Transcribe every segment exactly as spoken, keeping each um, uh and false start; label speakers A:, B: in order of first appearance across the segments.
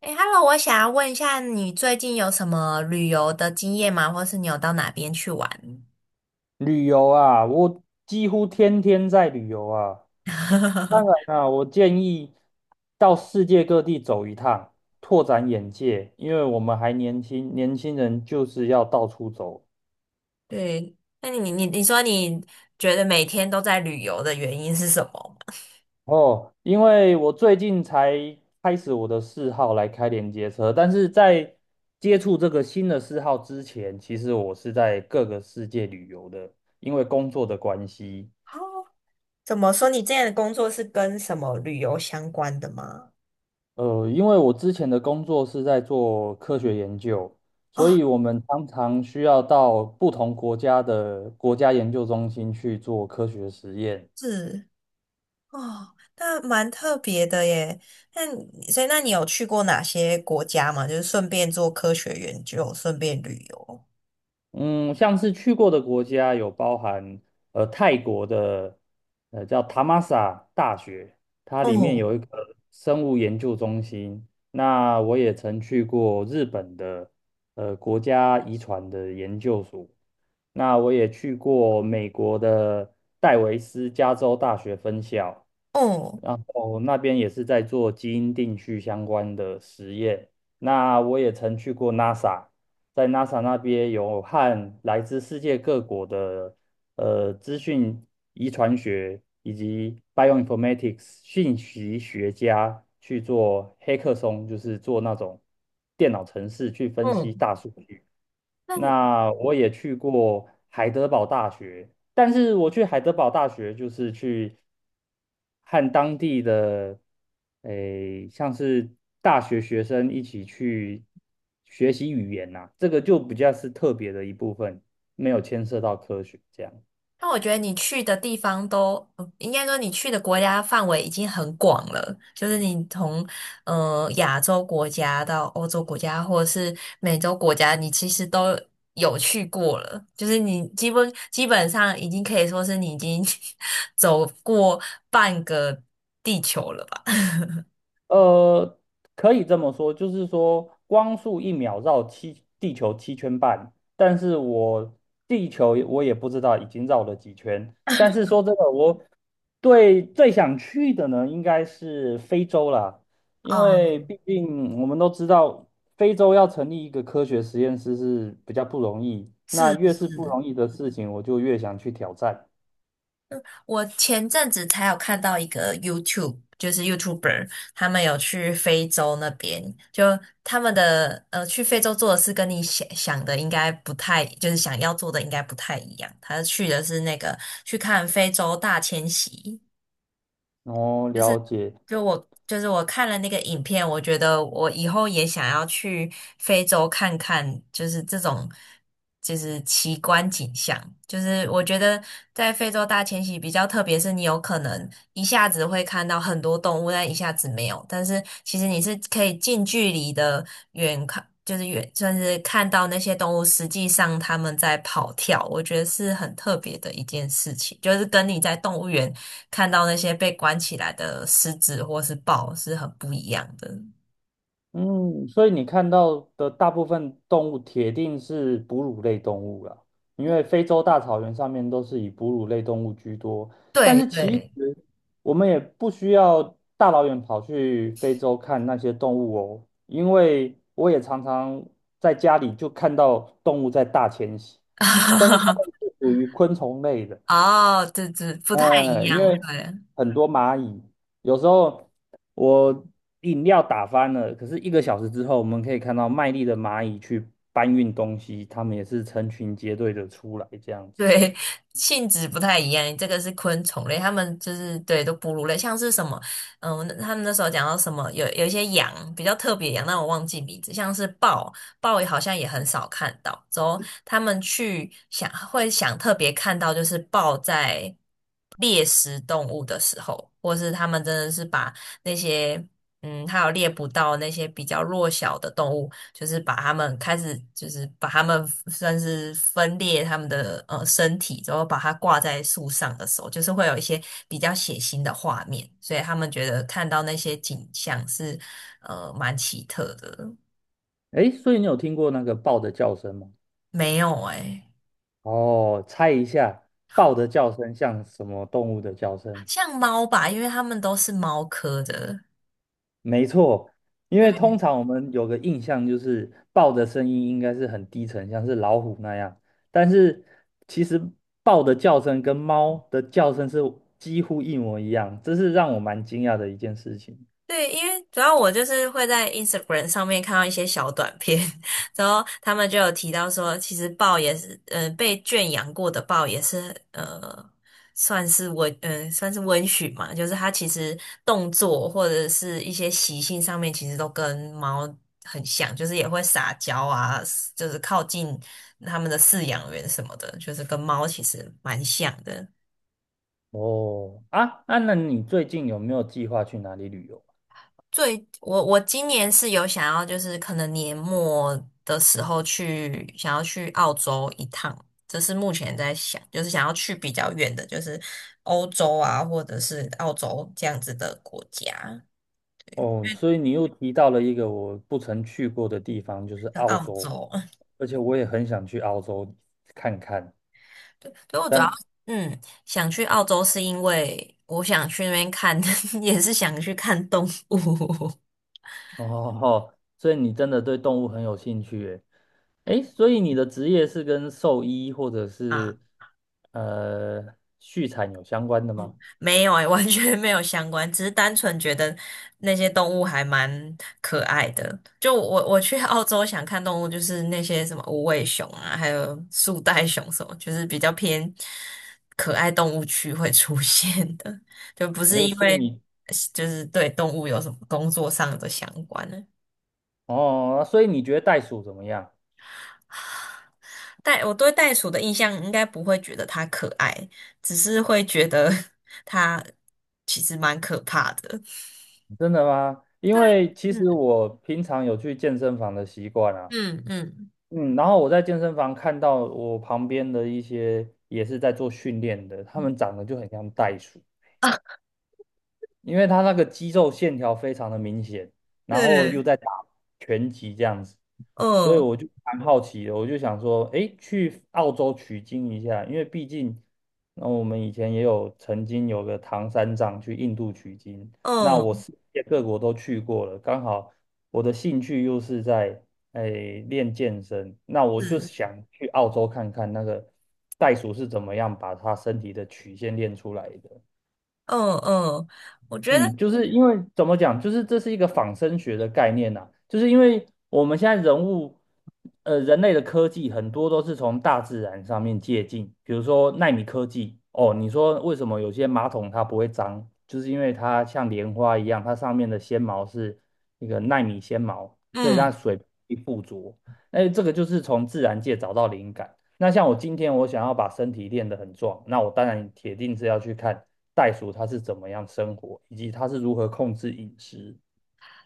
A: 哎 h e l l o 我想要问一下，你最近有什么旅游的经验吗？或是你有到哪边去玩？
B: 旅游啊，我几乎天天在旅游啊。当然 啊，我建议到世界各地走一趟，拓展眼界，因为我们还年轻，年轻人就是要到处走。
A: 对，那你你你说你觉得每天都在旅游的原因是什么吗？
B: 哦，因为我最近才开始我的嗜好来开连接车，但是在接触这个新的嗜好之前，其实我是在各个世界旅游的，因为工作的关系。
A: 哦，怎么说？你这样的工作是跟什么旅游相关的吗？
B: 呃，因为我之前的工作是在做科学研究，所
A: 哦，
B: 以我们常常需要到不同国家的国家研究中心去做科学实验。
A: 是哦，那蛮特别的耶。那你所以那你有去过哪些国家吗？就是顺便做科学研究，顺便旅游。
B: 嗯，像是去过的国家有包含呃泰国的呃叫塔玛萨大学，它里面
A: 嗯
B: 有一个生物研究中心。那我也曾去过日本的呃国家遗传的研究所，那我也去过美国的戴维斯加州大学分校。
A: 嗯
B: 然后那边也是在做基因定序相关的实验。那我也曾去过 NASA，在 NASA 那边有和来自世界各国的呃资讯遗传学以及 bioinformatics 信息学家去做黑客松，就是做那种电脑程式去分析
A: 嗯，
B: 大数据。
A: 那。
B: 那我也去过海德堡大学，但是我去海德堡大学就是去和当地的诶，像是大学学生一起去学习语言呐、这个就比较是特别的一部分，没有牵涉到科学这样。
A: 那我觉得你去的地方都，呃应该说你去的国家范围已经很广了，就是你从呃亚洲国家到欧洲国家，或者是美洲国家，你其实都有去过了，就是你基本基本上已经可以说是你已经 走过半个地球了吧？
B: 呃，可以这么说，就是说光速一秒绕七地球七圈半，但是我地球我也不知道已经绕了几圈。但是说真的，我对最想去的呢，应该是非洲啦，因
A: 啊、
B: 为毕竟我们都知道，非洲要成立一个科学实验室是比较不容易。那越是
A: 是
B: 不容易的事情，我就越想去挑战，
A: 我前阵子才有看到一个 YouTube，就是 YouTuber，他们有去非洲那边，就他们的呃去非洲做的事跟你想想的应该不太，就是想要做的应该不太一样。他去的是那个去看非洲大迁徙，
B: 然
A: 就
B: 了
A: 是
B: 解。
A: 就我就是我看了那个影片，我觉得我以后也想要去非洲看看，就是这种就是奇观景象。就是我觉得在非洲大迁徙比较特别，是你有可能一下子会看到很多动物，但一下子没有。但是其实你是可以近距离的远看。就是远，就是看到那些动物实际上它们在跑跳，我觉得是很特别的一件事情，就是跟你在动物园看到那些被关起来的狮子或是豹是很不一样的。
B: 嗯，所以你看到的大部分动物铁定是哺乳类动物了，因为非洲大草原上面都是以哺乳类动物居多。但
A: 对
B: 是其
A: 对，
B: 实我们也不需要大老远跑去非洲看那些动物哦，因为我也常常在家里就看到动物在大迁徙，但是它们 是属于昆虫类的。
A: 哦，对对，不太一
B: 呃，因
A: 样，
B: 为
A: 对。
B: 很多蚂蚁，有时候我饮料打翻了，可是一个小时之后，我们可以看到卖力的蚂蚁去搬运东西，它们也是成群结队的出来这样子。
A: 对，性质不太一样，这个是昆虫类，它们就是对都哺乳类，像是什么，嗯，他们那时候讲到什么，有有一些羊比较特别的羊，但我忘记名字，像是豹，豹也好像也很少看到。之后他们去想会想特别看到，就是豹在猎食动物的时候，或是他们真的是把那些嗯，还有猎捕到那些比较弱小的动物。就是把他们开始，就是把他们算是分裂他们的呃身体，然后把它挂在树上的时候，就是会有一些比较血腥的画面，所以他们觉得看到那些景象是呃蛮奇特的。
B: 诶，所以你有听过那个豹的叫声吗？
A: 没有诶、
B: 哦，猜一下，豹的叫声像什么动物的叫声？
A: 像猫吧，因为它们都是猫科的。
B: 没错，因为通常我们有个印象就是豹的声音应该是很低沉，像是老虎那样，但是其实豹的叫声跟猫的叫声是几乎一模一样，这是让我蛮惊讶的一件事情。
A: 对，因为主要我就是会在 Instagram 上面看到一些小短片，然后他们就有提到说，其实豹也是，嗯，被圈养过的豹也是，呃，算是温，嗯、算是温驯嘛，就是它其实动作或者是一些习性上面，其实都跟猫很像，就是也会撒娇啊，就是靠近他们的饲养员什么的，就是跟猫其实蛮像的。
B: 哦，啊，啊，那你最近有没有计划去哪里旅游？
A: 最我我今年是有想要，就是可能年末的时候去想要去澳洲一趟，这是目前在想，就是想要去比较远的，就是欧洲啊，或者是澳洲这样子的国家，
B: 哦，所以你又提到了一个我不曾去过的地方，就是
A: 像
B: 澳
A: 澳
B: 洲，
A: 洲。
B: 而且我也很想去澳洲看看，
A: 对，所以我主要
B: 但
A: 嗯想去澳洲是因为我想去那边看，也是想去看动物
B: 哦，所以你真的对动物很有兴趣耶。诶，所以你的职业是跟兽医或者
A: 啊。
B: 是呃畜产有相关的吗？
A: 没有哎、完全没有相关，只是单纯觉得那些动物还蛮可爱的。就我我去澳洲想看动物，就是那些什么无尾熊啊，还有树袋熊什么，就是比较偏可爱动物区会出现的，就不是
B: 诶，
A: 因
B: 所以
A: 为
B: 你
A: 就是对动物有什么工作上的相关呢。
B: 哦，所以你觉得袋鼠怎么样？
A: 袋我对袋鼠的印象应该不会觉得它可爱，只是会觉得 它其实蛮可怕的。
B: 真的吗？因
A: 对，
B: 为其实
A: 嗯
B: 我平常有去健身房的习惯啊，
A: 嗯嗯。
B: 嗯，然后我在健身房看到我旁边的一些也是在做训练的，他们长得就很像袋鼠，因为他那个肌肉线条非常的明显，然后又
A: 对，
B: 在打拳击这样子，所以
A: 嗯
B: 我就蛮好奇的，我就想说，诶，去澳洲取经一下，因为毕竟，那我们以前也有曾经有个唐三藏去印度取经，那我
A: 嗯，
B: 世界各国都去过了，刚好我的兴趣又是在诶练健身，那我
A: 是，
B: 就想去澳洲看看那个袋鼠是怎么样把它身体的曲线练出来的。
A: 嗯嗯，我觉得，
B: 嗯，就是因为怎么讲，就是这是一个仿生学的概念呐、就是因为我们现在人物，呃，人类的科技很多都是从大自然上面借鉴，比如说纳米科技，哦，你说为什么有些马桶它不会脏，就是因为它像莲花一样，它上面的纤毛是那个纳米纤毛，所以它
A: 嗯，
B: 水不易附着，哎，这个就是从自然界找到灵感。那像我今天我想要把身体练得很壮，那我当然铁定是要去看袋鼠它是怎么样生活，以及它是如何控制饮食。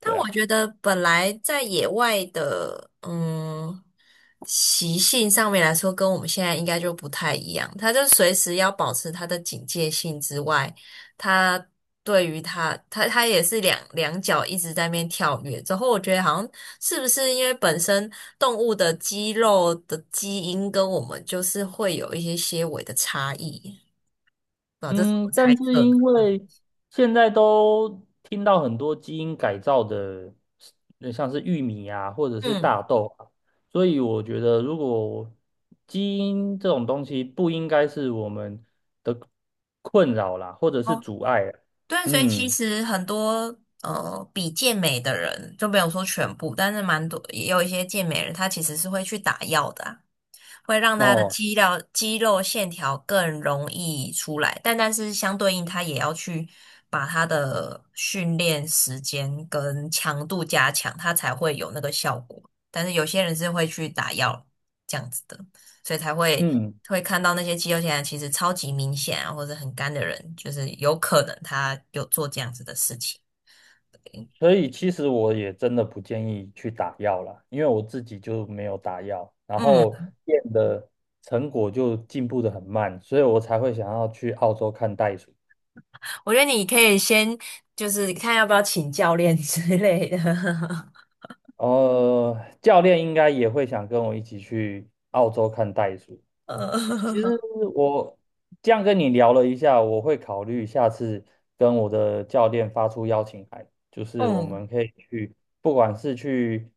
A: 但
B: 对啊，
A: 我觉得本来在野外的，嗯，习性上面来说，跟我们现在应该就不太一样。它就随时要保持它的警戒性之外，它对于它，它它也是两两脚一直在那边跳跃。之后我觉得好像是不是因为本身动物的肌肉的基因跟我们就是会有一些些微的差异。啊，这是我
B: 嗯，
A: 猜
B: 但是
A: 测的。
B: 因
A: 嗯
B: 为现在都听到很多基因改造的，呃像是玉米啊，或者是
A: 嗯，
B: 大豆啊，所以我觉得如果基因这种东西不应该是我们的困扰啦，或者是
A: 哦，
B: 阻碍啦
A: 对，所以其
B: 嗯，
A: 实很多呃比健美的人，就没有说全部，但是蛮多也有一些健美人，他其实是会去打药的啊会让他的
B: 哦，
A: 肌肉肌肉线条更容易出来，但但是相对应，他也要去把他的训练时间跟强度加强，他才会有那个效果。但是有些人是会去打药这样子的，所以才会
B: 嗯。
A: 会看到那些肌肉线条其实超级明显啊，或者很干的人，就是有可能他有做这样子的事情。
B: 所以其实我也真的不建议去打药了，因为我自己就没有打药，然
A: 嗯，
B: 后练的成果就进步的很慢，所以我才会想要去澳洲看袋鼠。
A: 我觉得你可以先就是看要不要请教练之类的。
B: 呃，教练应该也会想跟我一起去澳洲看袋鼠，
A: 呃，
B: 其实 我这样跟你聊了一下，我会考虑下次跟我的教练发出邀请函，就是我
A: 嗯，
B: 们可以去，不管是去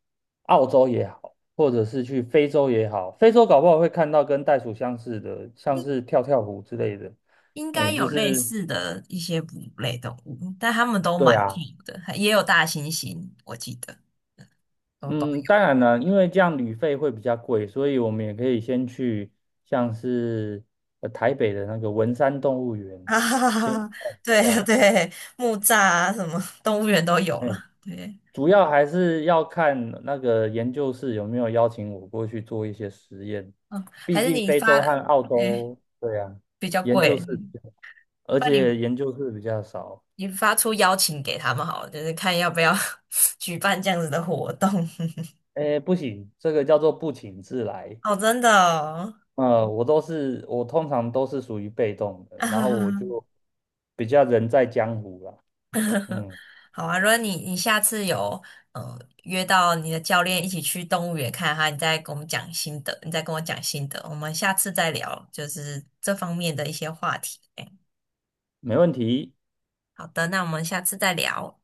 B: 澳洲也好，或者是去非洲也好，非洲搞不好会看到跟袋鼠相似的，像
A: 应
B: 是跳跳虎之类的。
A: 应该
B: 嗯，就
A: 有类
B: 是
A: 似的一些哺乳类动物，但它们都
B: 对
A: 蛮
B: 啊，
A: 近的，也有大猩猩，我记得都都
B: 嗯，当
A: 有。
B: 然了，因为这样旅费会比较贵，所以我们也可以先去像是呃台北的那个文山动物 园
A: 啊哈哈哈
B: 先
A: 哈
B: 看一
A: 对
B: 下。
A: 对，木栅啊，什么动物园都有
B: 嗯
A: 了。对，
B: 主要还是要看那个研究室有没有邀请我过去做一些实验，
A: 嗯，还
B: 毕
A: 是
B: 竟
A: 你
B: 非
A: 发，
B: 洲和澳
A: 嗯，
B: 洲，对呀，
A: 比较
B: 研究
A: 贵，
B: 室比较，而
A: 那你
B: 且研究室比较少。
A: 你发出邀请给他们好了，就是看要不要 举办这样子的活动。
B: 哎，不行，这个叫做不请自来。
A: 哦，真的哦。
B: 呃，我都是，我通常都是属于被动的，然后我 就比较人在江湖啦。嗯，
A: 好啊，如果你你下次有呃约到你的教练一起去动物园看哈，你再跟我们讲心得，你再跟我讲心得，我们下次再聊，就是这方面的一些话题。哎
B: 没问题。
A: 好的，那我们下次再聊。